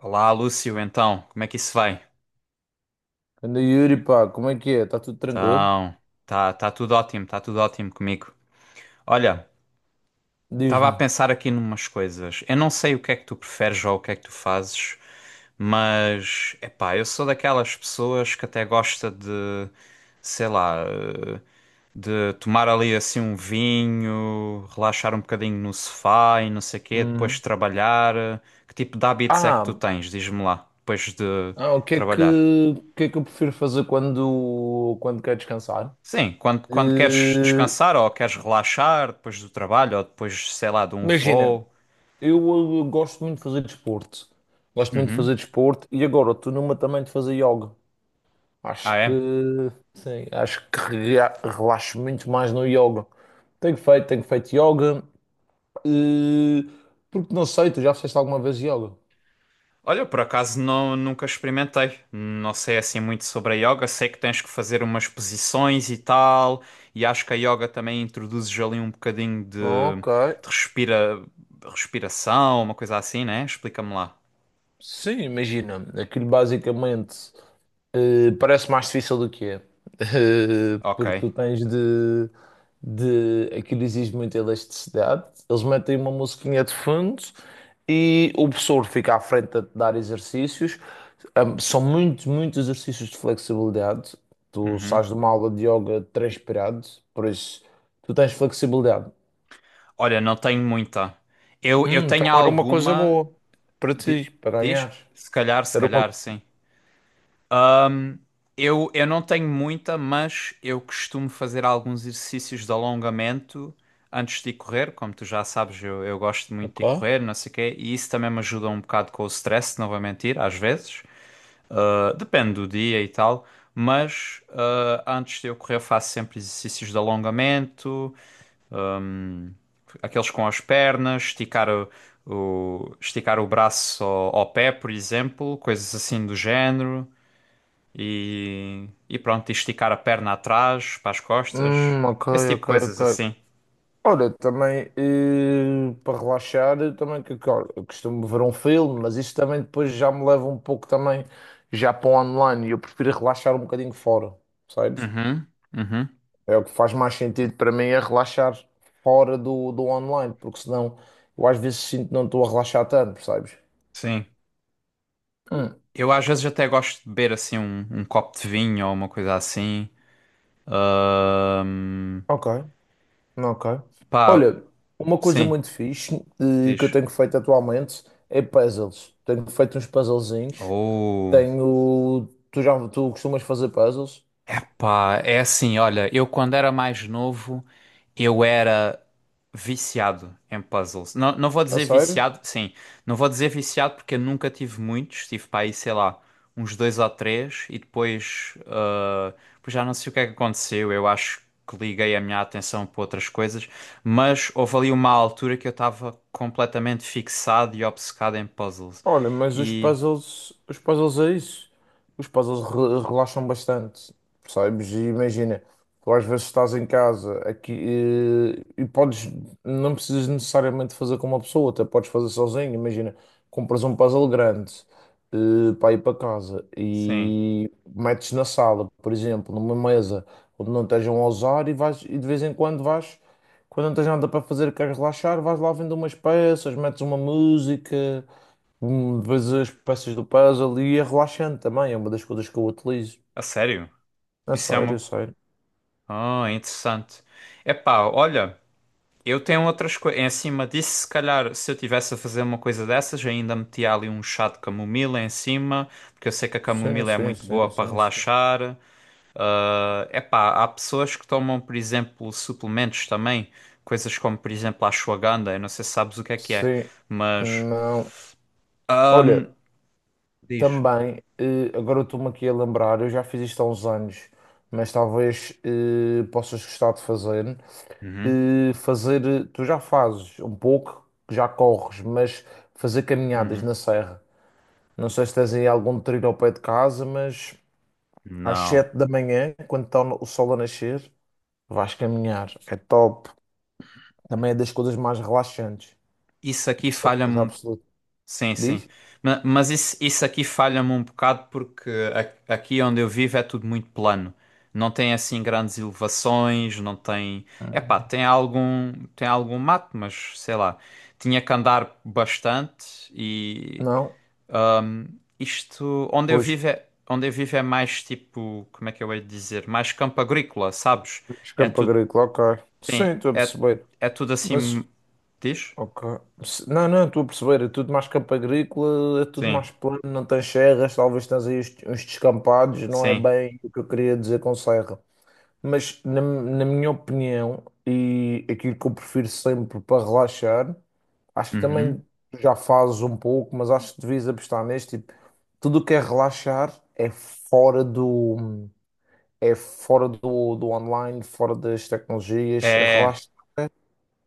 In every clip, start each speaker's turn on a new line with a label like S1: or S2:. S1: Olá, Lúcio, então, como é que isso vai?
S2: Anda, Yuri, pá, como é que é? Está tudo tranquilo?
S1: Então, tá tudo ótimo, tá tudo ótimo comigo. Olha, estava a
S2: Diz-me.
S1: pensar aqui numas coisas. Eu não sei o que é que tu preferes ou o que é que tu fazes, mas, epá, eu sou daquelas pessoas que até gosta de, sei lá, de tomar ali assim um vinho, relaxar um bocadinho no sofá e não sei quê, depois
S2: Hum.
S1: trabalhar. Que tipo de hábitos é que tu
S2: Ah,
S1: tens? Diz-me lá, depois de
S2: o que é que,
S1: trabalhar.
S2: o que é que eu prefiro fazer quando, quando quero descansar?
S1: Sim, quando queres
S2: Eh,
S1: descansar ou queres relaxar depois do trabalho ou depois, sei lá, de um
S2: imagina,
S1: voo.
S2: eu, gosto muito de fazer desporto. Gosto muito de
S1: Uhum.
S2: fazer desporto e agora estou numa também de fazer yoga.
S1: Ah,
S2: Acho que,
S1: é?
S2: sim, acho que relaxo muito mais no yoga. Tenho feito yoga. eh, Porque não sei, tu já fizeste alguma vez yoga?
S1: Olha, por acaso não, nunca experimentei. Não sei assim muito sobre a yoga. Sei que tens que fazer umas posições e tal. E acho que a yoga também introduzes ali um bocadinho de,
S2: Ok.
S1: de respira, respiração, uma coisa assim, né? Explica-me lá.
S2: Sim, imagina, aquilo basicamente parece mais difícil do que é. Eh,
S1: Ok.
S2: porque tu tens de, de. Aquilo exige muita elasticidade. Eles metem uma musiquinha de fundo e o professor fica à frente a te dar exercícios. São muitos, muitos exercícios de flexibilidade. Tu
S1: Uhum.
S2: sais de uma aula de yoga transpirado, por isso tu tens flexibilidade.
S1: Olha, não tenho muita. Eu
S2: Então
S1: tenho
S2: era uma coisa
S1: alguma.
S2: boa para
S1: di-
S2: ti, para
S1: Diz?
S2: ganhares.
S1: Se calhar, se
S2: Era uma.
S1: calhar, sim. Eu não tenho muita, mas eu costumo fazer alguns exercícios de alongamento antes de ir correr. Como tu já sabes, eu gosto muito de
S2: Ok.
S1: ir correr, não sei o quê, e isso também me ajuda um bocado com o stress, não vou mentir, às vezes. Ah, depende do dia e tal, mas antes de eu correr, eu faço sempre exercícios de alongamento, aqueles com as pernas, esticar o braço ao pé, por exemplo, coisas assim do género e pronto, e esticar a perna atrás, para as costas,
S2: Ok,
S1: esse tipo de
S2: ok,
S1: coisas
S2: ok.
S1: assim.
S2: Olha, também, eh, para relaxar, eu também olha, eu costumo ver um filme, mas isso também depois já me leva um pouco também já para o online. E eu prefiro relaxar um bocadinho fora, sabes?
S1: Uhum, uhum,
S2: É o que faz mais sentido para mim é relaxar fora do online, porque senão eu às vezes sinto que não estou a relaxar tanto, percebes?
S1: sim.
S2: Hum,
S1: Eu às vezes até gosto de beber assim um copo de vinho ou uma coisa assim. Ahm,
S2: ok, ok.
S1: pá,
S2: Olha, uma coisa
S1: sim,
S2: muito fixe, que eu
S1: diz.
S2: tenho feito atualmente é puzzles. Tenho feito uns puzzlezinhos.
S1: Oh.
S2: Tenho. Tu costumas fazer puzzles?
S1: Pá, é assim, olha, eu quando era mais novo, eu era viciado em puzzles. Não, não vou
S2: A
S1: dizer
S2: sério?
S1: viciado, sim, não vou dizer viciado porque eu nunca tive muitos, tive para aí, sei lá, uns dois ou três e depois, depois já não sei o que é que aconteceu, eu acho que liguei a minha atenção para outras coisas, mas houve ali uma altura que eu estava completamente fixado e obcecado em puzzles.
S2: Olha, mas
S1: E,
S2: os puzzles é isso. Os puzzles relaxam bastante, percebes? E imagina, tu às vezes estás em casa aqui, podes, não precisas necessariamente fazer com uma pessoa, até podes fazer sozinho. Imagina, compras um puzzle grande, para ir para casa
S1: sim,
S2: e metes na sala, por exemplo, numa mesa onde não estejam a usar, e vais, e de vez em quando vais, quando não tens nada para fazer e queres relaxar, vais lá vendo umas peças, metes uma música. Hum. Vês as peças do puzzle e é relaxante também, é uma das coisas que eu utilizo.
S1: a sério,
S2: É
S1: isso é
S2: sério, é
S1: uma,
S2: sério.
S1: ah, interessante. Epá, olha, eu tenho outras coisas. Em cima disso, se calhar, se eu tivesse a fazer uma coisa dessas, eu ainda metia ali um chá de camomila em cima, porque eu sei que a
S2: Sim,
S1: camomila é
S2: sim,
S1: muito boa
S2: sim,
S1: para
S2: sim, sim.
S1: relaxar. Ah, epá, há pessoas que tomam, por exemplo, suplementos também, coisas como, por exemplo, a ashwagandha. Eu não sei se sabes o que é,
S2: Sim,
S1: mas.
S2: não.
S1: ahm,
S2: Olha,
S1: Diz.
S2: também, eh, agora eu estou-me aqui a lembrar, eu já fiz isto há uns anos, mas talvez, possas gostar de fazer.
S1: Uhum,
S2: Eh, fazer, eh, tu já fazes um pouco, já corres, mas fazer caminhadas
S1: uhum.
S2: na serra. Não sei se tens aí algum trilho ao pé de casa, mas às
S1: Não.
S2: 7 da manhã, quando está o sol a nascer. Vais caminhar, é top. Também é das coisas mais relaxantes,
S1: Isso aqui
S2: de
S1: falha-me
S2: certeza
S1: um
S2: absoluta.
S1: sim, sim.
S2: Diz?
S1: Mas isso aqui falha-me um bocado porque aqui onde eu vivo é tudo muito plano. Não tem assim grandes elevações, não tem. Epá,
S2: Hum.
S1: tem algum mato, mas sei lá. Tinha que andar bastante e
S2: Não?
S1: isto onde eu
S2: Pois,
S1: vivo é, onde eu vivo é mais tipo, como é que eu hei de dizer? Mais campo agrícola, sabes?
S2: pois,
S1: É
S2: campo
S1: tudo,
S2: agrícola, ok.
S1: sim,
S2: Sim, estou a
S1: é,
S2: perceber.
S1: é tudo assim,
S2: Mas,
S1: diz?
S2: ok. Não, não, estou a perceber. É tudo mais campo agrícola, é tudo
S1: Sim,
S2: mais plano, não tens serras, talvez tens aí uns, uns descampados, não é
S1: sim.
S2: bem o que eu queria dizer com serra. Mas na, na minha opinião, e aquilo que eu prefiro sempre para relaxar, acho que
S1: Uhum.
S2: também já fazes um pouco, mas acho que devias apostar neste tipo, tudo o que é relaxar é fora do, é fora do online, fora das tecnologias,
S1: É,
S2: relaxar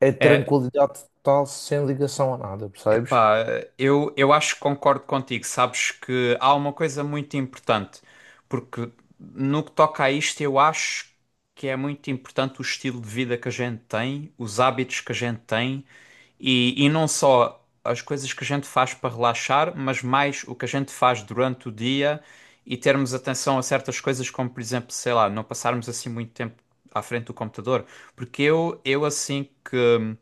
S2: é
S1: é,
S2: tranquilidade total sem ligação a nada, percebes?
S1: epá, eu acho que concordo contigo. Sabes que há uma coisa muito importante, porque no que toca a isto, eu acho que é muito importante o estilo de vida que a gente tem, os hábitos que a gente tem e não só as coisas que a gente faz para relaxar, mas mais o que a gente faz durante o dia e termos atenção a certas coisas, como por exemplo, sei lá, não passarmos assim muito tempo à frente do computador. Porque eu assim que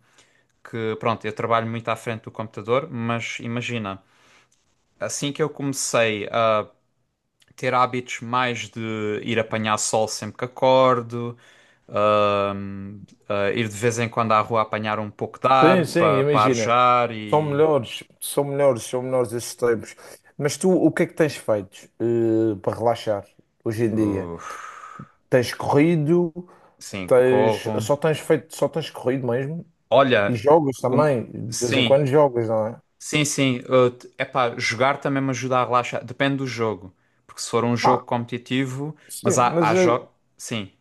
S1: que pronto, eu trabalho muito à frente do computador, mas imagina, assim que eu comecei a ter hábitos mais de ir apanhar sol sempre que acordo, a ir de vez em quando à rua apanhar um pouco de ar
S2: Sim, sim,
S1: para pa
S2: imagina.
S1: arejar
S2: São
S1: e.
S2: melhores, são melhores, são melhores esses tempos. Mas tu, o que é que tens feito, eh, para relaxar hoje em dia?
S1: Uf,
S2: Tens corrido,
S1: sim,
S2: tens,
S1: corro.
S2: só tens feito, só tens corrido mesmo? E
S1: Olha,
S2: jogas
S1: um,
S2: também, de vez em
S1: sim,
S2: quando jogas, não é?
S1: sim, sim. É pá, jogar também me ajuda a relaxar. Depende do jogo. Porque se for um
S2: Ah,
S1: jogo competitivo, mas
S2: sim,
S1: há,
S2: mas,
S1: há
S2: eh,
S1: jogos. Sim.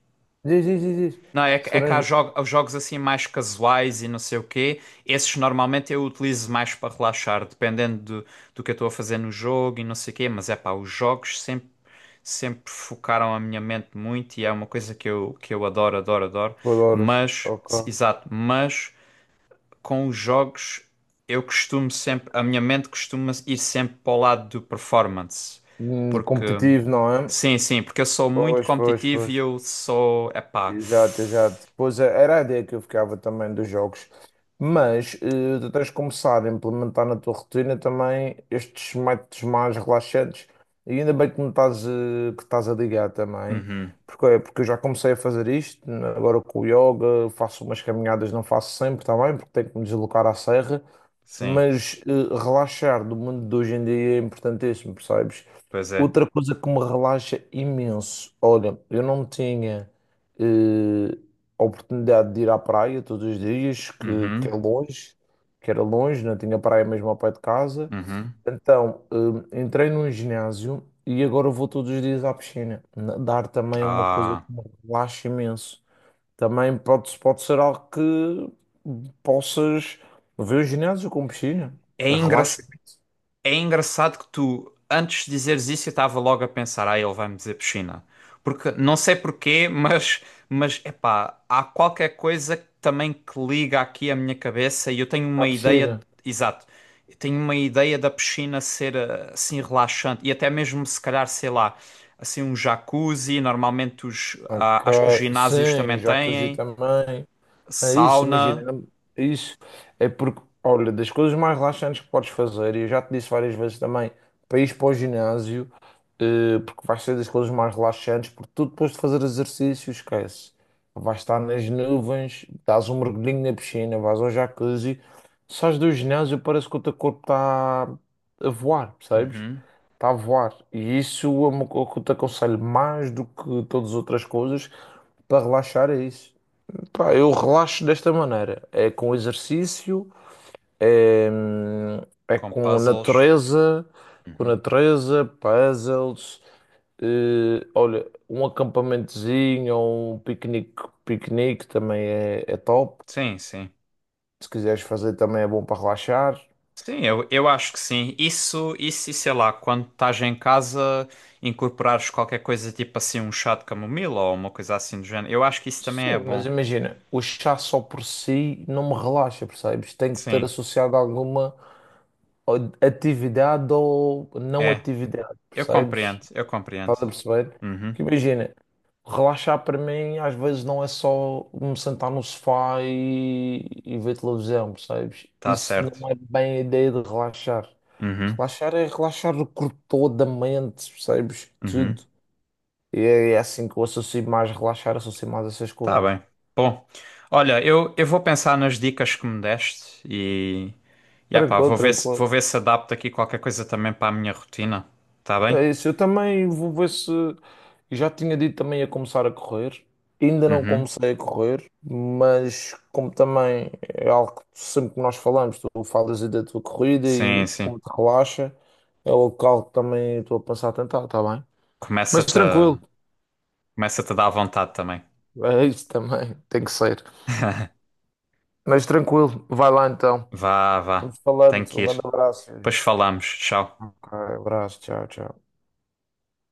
S2: diz, diz, diz, diz.
S1: Não, é,
S2: Se
S1: é que há
S2: forem
S1: há jogos assim mais casuais e não sei o quê. Esses normalmente eu utilizo mais para relaxar, dependendo do, do que eu estou a fazer no jogo e não sei o quê. Mas é pá, os jogos sempre focaram a minha mente muito e é uma coisa que eu adoro, adoro, adoro.
S2: jogadores,
S1: Mas,
S2: ok.
S1: exato, mas com os jogos eu costumo sempre, a minha mente costuma ir sempre para o lado do performance.
S2: Hum.
S1: Porque,
S2: Competitivo, não é?
S1: sim, sim, porque eu sou muito
S2: Pois, pois,
S1: competitivo
S2: pois.
S1: e eu sou, é pá.
S2: Exato, exato. Pois é, era a ideia que eu ficava também dos jogos. Mas, eh, tu tens de começar a implementar na tua rotina também estes métodos mais relaxantes. E ainda bem que me estás, eh, que estás a ligar também.
S1: Uhum,
S2: Porque, é, porque eu já comecei a fazer isto, né, agora com o yoga, faço umas caminhadas, não faço sempre também, porque tenho que me deslocar à serra,
S1: sim,
S2: mas, eh, relaxar do mundo de hoje em dia é importantíssimo, percebes?
S1: pois é.
S2: Outra coisa que me relaxa imenso, olha, eu não tinha, eh, a oportunidade de ir à praia todos os dias, que é
S1: Uhum,
S2: longe, que era longe, não tinha praia mesmo ao pé de casa,
S1: uhum.
S2: então, entrei num ginásio e agora vou todos os dias à piscina. Nadar também é uma coisa
S1: Ah,
S2: que me relaxa imenso. Também pode, pode ser algo que possas ver o ginásio com piscina.
S1: é engra...
S2: Relaxa
S1: é engraçado que tu, antes de dizeres isso, eu estava logo a pensar, ah, ele vai-me dizer piscina. Porque, não sei porquê, mas, epá, há qualquer coisa que também que liga aqui a minha cabeça e eu tenho uma
S2: à
S1: ideia,
S2: piscina.
S1: exato, eu tenho uma ideia da piscina ser assim relaxante e até mesmo se calhar, sei lá, assim um jacuzzi, normalmente os, ah,
S2: Ok,
S1: acho que os ginásios
S2: sim,
S1: também
S2: jacuzzi
S1: têm,
S2: também. É isso,
S1: sauna.
S2: imagina, é isso. É porque, olha, das coisas mais relaxantes que podes fazer, e eu já te disse várias vezes também, para ires para o ginásio, porque vai ser das coisas mais relaxantes, porque tu depois de fazer exercício, esquece. Vais estar nas nuvens, dás um mergulhinho na piscina, vais ao jacuzzi, sais do ginásio, parece que o teu corpo está a voar, percebes?
S1: Uhum.
S2: Está a voar. E isso é uma coisa que eu te aconselho mais do que todas as outras coisas, para relaxar é isso. Pá, eu relaxo desta maneira. É com exercício, é, é
S1: Com puzzles.
S2: com
S1: Uhum.
S2: natureza, puzzles. Olha, um acampamentozinho ou um piquenique, piquenique também é, é top.
S1: Sim, sim.
S2: Se quiseres fazer também é bom para relaxar.
S1: Sim, eu acho que sim. Isso, e sei lá, quando estás em casa, incorporares qualquer coisa tipo assim, um chá de camomila ou uma coisa assim do género. Eu acho que isso também é
S2: Sim, mas
S1: bom.
S2: imagina, o chá só por si não me relaxa, percebes? Tem que ter
S1: Sim,
S2: associado alguma atividade ou não
S1: é.
S2: atividade,
S1: Eu
S2: percebes?
S1: compreendo, eu
S2: Estás
S1: compreendo.
S2: a perceber?
S1: Uhum.
S2: Que imagina, relaxar para mim às vezes não é só me sentar no sofá e ver televisão, percebes?
S1: Tá
S2: Isso
S1: certo.
S2: não é bem a ideia de relaxar.
S1: Uhum.
S2: Relaxar é relaxar o corpo todo, a mente, percebes?
S1: Uhum.
S2: Tudo. E é, é assim que eu associo mais relaxar, associo mais essas
S1: Tá
S2: coisas.
S1: bem. Bom, olha, eu vou pensar nas dicas que me deste e. E ah pá,
S2: Tranquilo, tranquilo.
S1: vou ver se adapto aqui qualquer coisa também para a minha rotina. Tá bem?
S2: É isso, eu também vou ver se. Eu Já tinha dito também a começar a correr. Ainda não
S1: Uhum.
S2: comecei a correr, mas como também é algo que sempre que nós falamos, tu falas aí da tua corrida
S1: Sim,
S2: e
S1: sim.
S2: como te relaxa, é algo que também estou a pensar a tentar, está bem? Mas
S1: Começa-te
S2: tranquilo,
S1: a... Começa-te a dar vontade também.
S2: é isso também, tem que ser. Mas tranquilo, vai lá então.
S1: Vá, vá.
S2: Vamos falando,
S1: Tenho que
S2: um grande
S1: ir.
S2: abraço. Yuri.
S1: Depois falamos. Tchau.
S2: Ok, abraço, tchau, tchau.